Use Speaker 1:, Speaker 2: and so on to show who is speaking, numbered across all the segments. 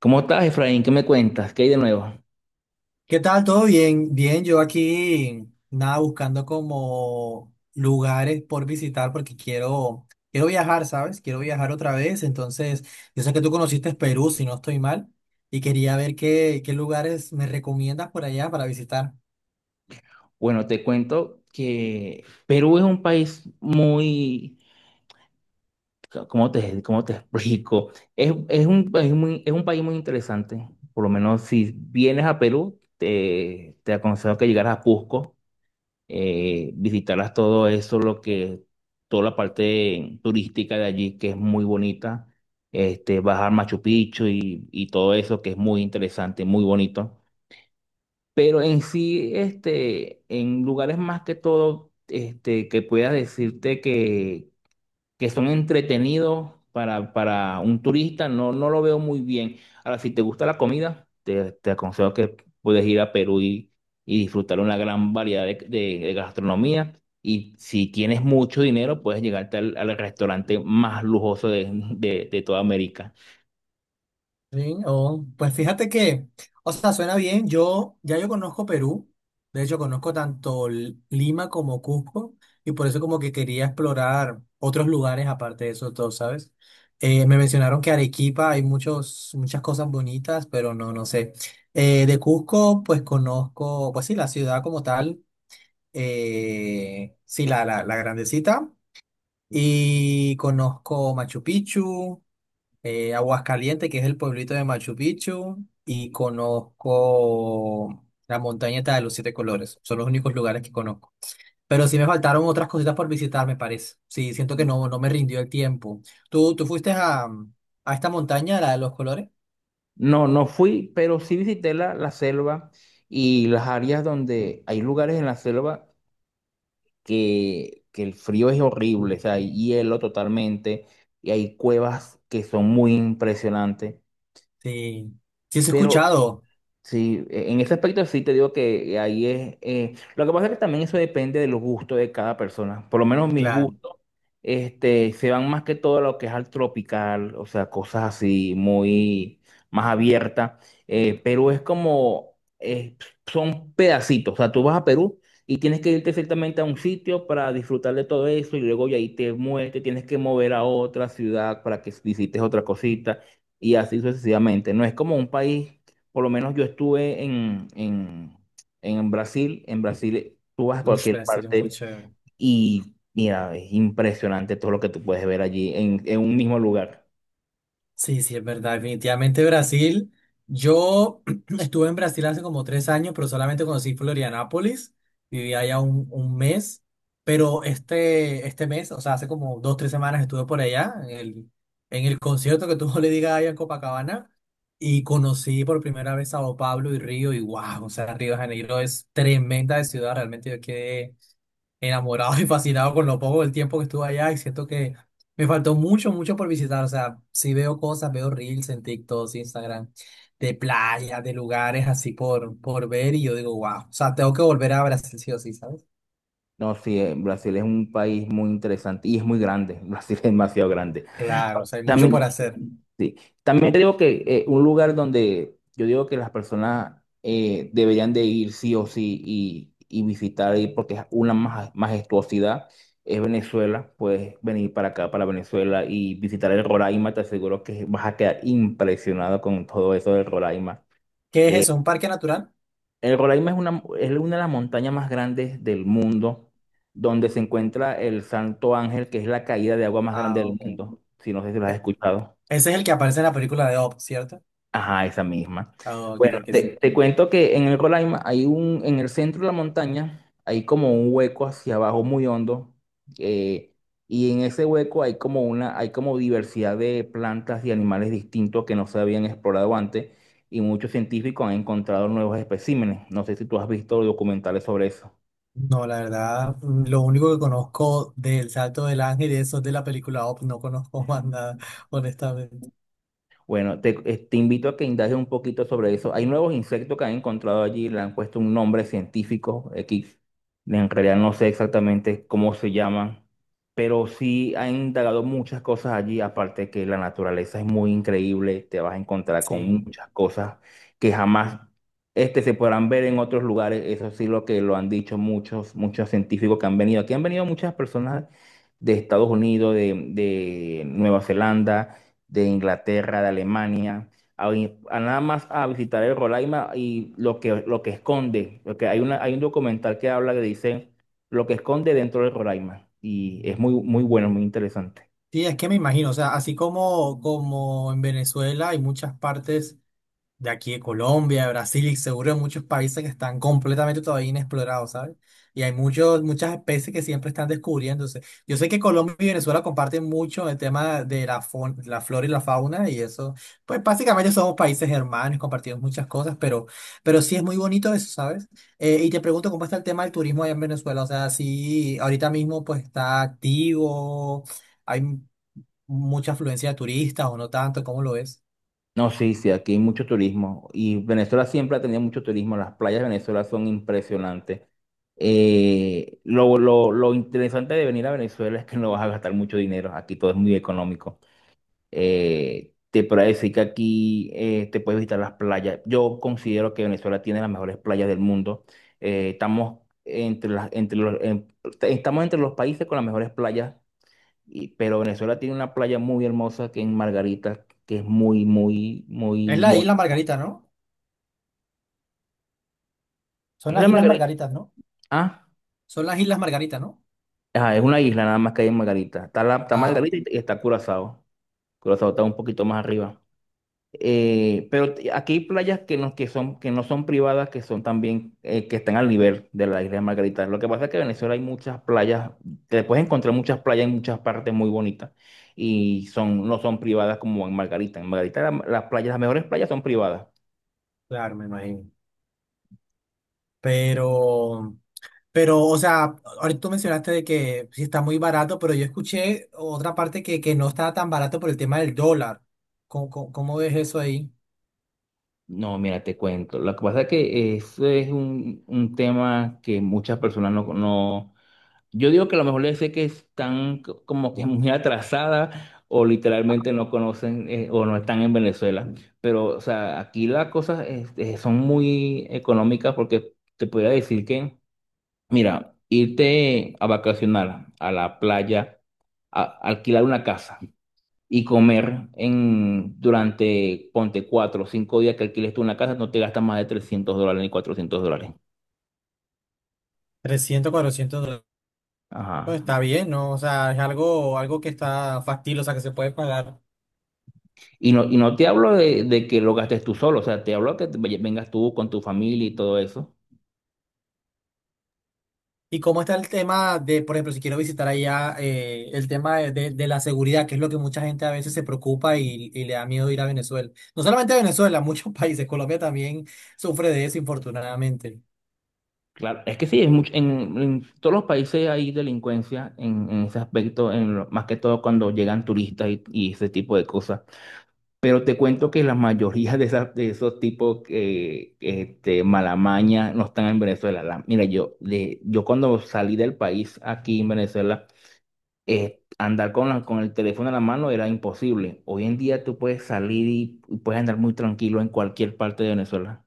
Speaker 1: ¿Cómo estás, Efraín? ¿Qué me cuentas? ¿Qué hay de nuevo?
Speaker 2: ¿Qué tal? ¿Todo bien? Bien, yo aquí nada buscando como lugares por visitar porque quiero viajar, ¿sabes? Quiero viajar otra vez, entonces yo sé que tú conociste Perú, si no estoy mal, y quería ver qué lugares me recomiendas por allá para visitar.
Speaker 1: Bueno, te cuento que Perú es un país muy, ¿cómo cómo te explico? Es un país muy, es un país muy interesante. Por lo menos si vienes a Perú, te aconsejo que llegaras a Cusco, visitaras todo eso, toda la parte turística de allí, que es muy bonita. Bajar Machu Picchu y todo eso, que es muy interesante, muy bonito. Pero en sí, este, en lugares más que todo, este, que puedas decirte que son entretenidos para un turista, no, no lo veo muy bien. Ahora, si te gusta la comida, te aconsejo que puedes ir a Perú y disfrutar una gran variedad de, de gastronomía. Y si tienes mucho dinero, puedes llegarte al, al restaurante más lujoso de, de toda América.
Speaker 2: Sí, oh, pues fíjate que, o sea, suena bien. Yo ya yo conozco Perú, de hecho conozco tanto Lima como Cusco y por eso como que quería explorar otros lugares aparte de esos dos, ¿sabes? Me mencionaron que Arequipa hay muchos muchas cosas bonitas, pero no sé. De Cusco pues conozco, pues sí, la ciudad como tal, sí la grandecita y conozco Machu Picchu, Aguascalientes, que es el pueblito de Machu Picchu, y conozco la montaña esta de los siete colores. Son los únicos lugares que conozco. Pero sí me faltaron otras cositas por visitar, me parece. Sí, siento que no, no me rindió el tiempo. ¿Tú fuiste a esta montaña, la de los colores?
Speaker 1: No, no fui, pero sí visité la selva y las áreas donde hay lugares en la selva que el frío es horrible, o sea, hay hielo totalmente y hay cuevas que son muy impresionantes.
Speaker 2: Sí. Sí, sí he
Speaker 1: Pero
Speaker 2: escuchado.
Speaker 1: sí, en ese aspecto sí te digo que ahí es. Eh, lo que pasa es que también eso depende de los gustos de cada persona. Por lo menos mis
Speaker 2: Claro.
Speaker 1: gustos, este, se van más que todo a lo que es al tropical, o sea, cosas así muy más abiertas. Eh, Perú es como, son pedacitos. O sea, tú vas a Perú y tienes que irte ciertamente a un sitio para disfrutar de todo eso y luego de ahí te mueves, te tienes que mover a otra ciudad para que visites otra cosita y así sucesivamente. No es como un país. Por lo menos yo estuve en Brasil. En Brasil tú vas a
Speaker 2: Ush,
Speaker 1: cualquier
Speaker 2: Brasil es
Speaker 1: parte
Speaker 2: mucho.
Speaker 1: y mira, es impresionante todo lo que tú puedes ver allí en un mismo lugar.
Speaker 2: Sí, sí, es verdad. Definitivamente Brasil. Yo estuve en Brasil hace como 3 años, pero solamente conocí Florianápolis. Viví allá un mes. Pero este mes, o sea, hace como 2, 3 semanas estuve por allá, en el concierto que tuvo le Gaga allá en Copacabana. Y conocí por primera vez Sao Paulo y Río. Y wow, o sea, Río de Janeiro es tremenda de ciudad. Realmente yo quedé enamorado y fascinado con lo poco del tiempo que estuve allá y siento que me faltó mucho, mucho por visitar. O sea, sí veo cosas, veo reels en TikTok, Instagram, de playas, de lugares así por ver y yo digo, wow, o sea, tengo que volver a Brasil sí o sí, ¿sabes?
Speaker 1: No, sí, Brasil es un país muy interesante y es muy grande. Brasil es demasiado grande.
Speaker 2: Claro, o sea, hay mucho por
Speaker 1: También,
Speaker 2: hacer.
Speaker 1: ujú. Sí. También te digo que un lugar donde yo digo que las personas deberían de ir sí o sí y visitar ahí porque es una majestuosidad es Venezuela. Puedes venir para acá, para Venezuela y visitar el Roraima. Te aseguro que vas a quedar impresionado con todo eso del Roraima.
Speaker 2: ¿Qué es eso? ¿Un parque natural?
Speaker 1: El Roraima es una de las montañas más grandes del mundo donde se encuentra el Santo Ángel, que es la caída de agua más grande
Speaker 2: Ah,
Speaker 1: del
Speaker 2: ok.
Speaker 1: mundo. Si no sé si lo has
Speaker 2: E-
Speaker 1: escuchado.
Speaker 2: ese es el que aparece en la película de Up, ¿cierto?
Speaker 1: Ajá, esa misma.
Speaker 2: Ah, ok,
Speaker 1: Bueno,
Speaker 2: ok, sí.
Speaker 1: te cuento que en el Roraima hay un, en el centro de la montaña, hay como un hueco hacia abajo muy hondo, eh, y en ese hueco hay como una, hay como diversidad de plantas y animales distintos que no se habían explorado antes, y muchos científicos han encontrado nuevos especímenes. No sé si tú has visto documentales sobre eso.
Speaker 2: No, la verdad, lo único que conozco del Salto del Ángel y eso es de la película Up, no conozco más nada, honestamente.
Speaker 1: Bueno, te invito a que indagues un poquito sobre eso. Hay nuevos insectos que han encontrado allí, le han puesto un nombre científico X. En realidad no sé exactamente cómo se llaman, pero sí han indagado muchas cosas allí, aparte que la naturaleza es muy increíble, te vas a encontrar con
Speaker 2: Sí.
Speaker 1: muchas cosas que jamás este, se podrán ver en otros lugares. Eso sí lo que lo han dicho muchos, muchos científicos que han venido. Aquí han venido muchas personas de Estados Unidos, de Nueva Zelanda, de Inglaterra, de Alemania, a, a nada más a visitar el Rolaima y lo que esconde, porque hay una, hay un documental que habla que dice lo que esconde dentro del Rolaima y es muy, muy bueno, muy interesante.
Speaker 2: Sí, es que me imagino, o sea, así como, como en Venezuela hay muchas partes, de aquí de Colombia, de Brasil y seguro de muchos países que están completamente todavía inexplorados, ¿sabes? Y hay muchas especies que siempre están descubriéndose. Yo sé que Colombia y Venezuela comparten mucho el tema de la flora y la fauna y eso, pues básicamente somos países hermanos, compartimos muchas cosas, pero, sí es muy bonito eso, ¿sabes? Y te pregunto, ¿cómo está el tema del turismo allá en Venezuela? O sea, si ahorita mismo pues está activo, hay mucha afluencia de turistas o no tanto, ¿cómo lo es?
Speaker 1: No, sí, sí, aquí hay mucho turismo y Venezuela siempre ha tenido mucho turismo, las playas de Venezuela son impresionantes. Lo interesante de venir a Venezuela es que no vas a gastar mucho dinero, aquí todo es muy económico. Te podría decir que aquí te puedes visitar las playas. Yo considero que Venezuela tiene las mejores playas del mundo. Estamos entre entre los, estamos entre los países con las mejores playas, pero Venezuela tiene una playa muy hermosa que es Margarita, que es muy, muy,
Speaker 2: ¿Es
Speaker 1: muy
Speaker 2: la
Speaker 1: bonita.
Speaker 2: isla Margarita, no? ¿Son
Speaker 1: ¿Es
Speaker 2: las
Speaker 1: la
Speaker 2: Islas
Speaker 1: Margarita?
Speaker 2: Margaritas, no?
Speaker 1: Ah,
Speaker 2: ¿Son las Islas Margarita, no?
Speaker 1: ajá, es una isla nada más que hay en Margarita. Está
Speaker 2: Ah, ok.
Speaker 1: Margarita y está Curazao. Curazao está un poquito más arriba. Pero aquí hay playas que no, que son, que no son privadas, que son también, que están al nivel de la isla de Margarita. Lo que pasa es que en Venezuela hay muchas playas, te puedes encontrar muchas playas en muchas partes muy bonitas y son, no son privadas como en Margarita. En Margarita las playas, las mejores playas son privadas.
Speaker 2: Claro, me imagino. Pero, pero, o sea, ahorita tú mencionaste de que sí está muy barato, pero yo escuché otra parte que no estaba tan barato por el tema del dólar. ¿Cómo ves eso ahí?
Speaker 1: No, mira, te cuento. Lo que pasa es que eso es un tema que muchas personas no, no. Yo digo que a lo mejor les sé que están como que muy atrasadas o literalmente no conocen o no están en Venezuela. Pero, o sea, aquí las cosas este, son muy económicas porque te podría decir que, mira, irte a vacacionar a la playa, alquilar una casa y comer en, durante, ponte, 4 o 5 días que alquiles tú una casa, no te gastas más de $300 ni $400.
Speaker 2: 300 $400. Pues
Speaker 1: Ajá.
Speaker 2: está bien, ¿no? O sea, es algo que está factible, o sea, que se puede pagar.
Speaker 1: Y no te hablo de que lo gastes tú solo, o sea, te hablo que te vengas tú con tu familia y todo eso.
Speaker 2: ¿Y cómo está el tema de, por ejemplo, si quiero visitar allá, el tema de la seguridad, que es lo que mucha gente a veces se preocupa y le da miedo ir a Venezuela? No solamente a Venezuela, muchos países, Colombia también sufre de eso, infortunadamente.
Speaker 1: Claro, es que sí, es mucho, en todos los países hay delincuencia en ese aspecto, en más que todo cuando llegan turistas y ese tipo de cosas. Pero te cuento que la mayoría de, esas, de esos tipos que este, malamaña no están en Venezuela. Mira, yo, de, yo cuando salí del país aquí en Venezuela, andar con, con el teléfono en la mano era imposible. Hoy en día tú puedes salir y puedes andar muy tranquilo en cualquier parte de Venezuela.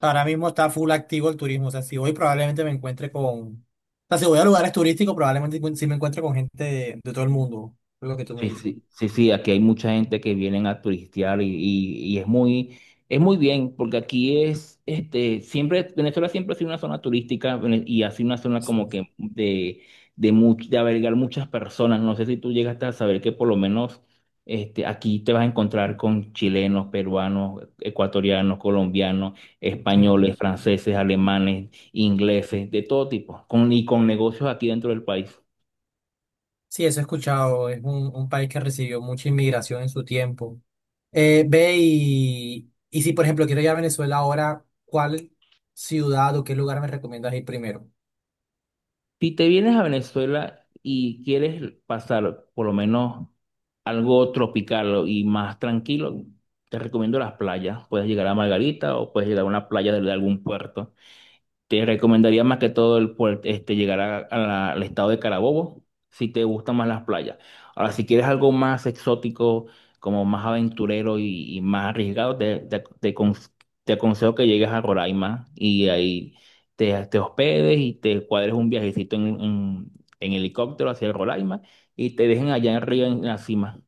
Speaker 2: Ahora mismo está full activo el turismo, o sea, si voy probablemente me encuentre o sea, si voy a lugares turísticos, probablemente si me encuentre con gente de todo el mundo, es lo que tú me
Speaker 1: Sí,
Speaker 2: dices.
Speaker 1: sí, sí, sí, aquí hay mucha gente que vienen a turistear y es muy bien, porque aquí es, este, siempre, Venezuela siempre ha sido una zona turística y ha sido una zona como
Speaker 2: Sí,
Speaker 1: que de, de albergar muchas personas. No sé si tú llegaste a saber que por lo menos este, aquí te vas a encontrar con chilenos, peruanos, ecuatorianos, colombianos,
Speaker 2: sí.
Speaker 1: españoles, franceses, alemanes, ingleses, de todo tipo, con, y con negocios aquí dentro del país.
Speaker 2: Sí, eso he escuchado, es un país que recibió mucha inmigración en su tiempo. Ve y si, por ejemplo, quiero ir a Venezuela ahora, ¿cuál ciudad o qué lugar me recomiendas ir primero?
Speaker 1: Si te vienes a Venezuela y quieres pasar por lo menos algo tropical y más tranquilo, te recomiendo las playas. Puedes llegar a Margarita o puedes llegar a una playa de algún puerto. Te recomendaría más que todo el este, llegar al estado de Carabobo si te gustan más las playas. Ahora, si quieres algo más exótico, como más aventurero y más arriesgado, te te aconsejo que llegues a Roraima y ahí te hospedes y te cuadres un viajecito en helicóptero hacia Roraima y te dejen allá arriba en la cima.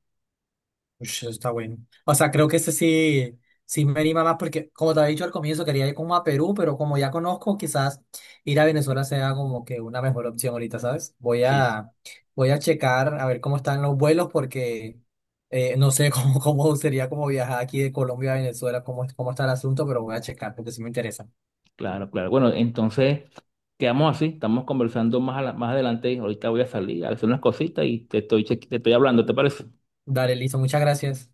Speaker 2: Ush, eso está bueno. O sea, creo que ese sí, sí me anima más porque, como te había dicho al comienzo, quería ir como a Perú, pero como ya conozco, quizás ir a Venezuela sea como que una mejor opción ahorita, ¿sabes? Voy a checar a ver cómo están los vuelos porque no sé cómo sería como viajar aquí de Colombia a Venezuela, cómo está el asunto, pero voy a checar porque sí me interesa.
Speaker 1: Claro, claro. Bueno, entonces quedamos así, estamos conversando más, más adelante. Ahorita voy a salir a hacer unas cositas y te estoy, te estoy hablando, ¿te parece?
Speaker 2: Dale, listo, muchas gracias.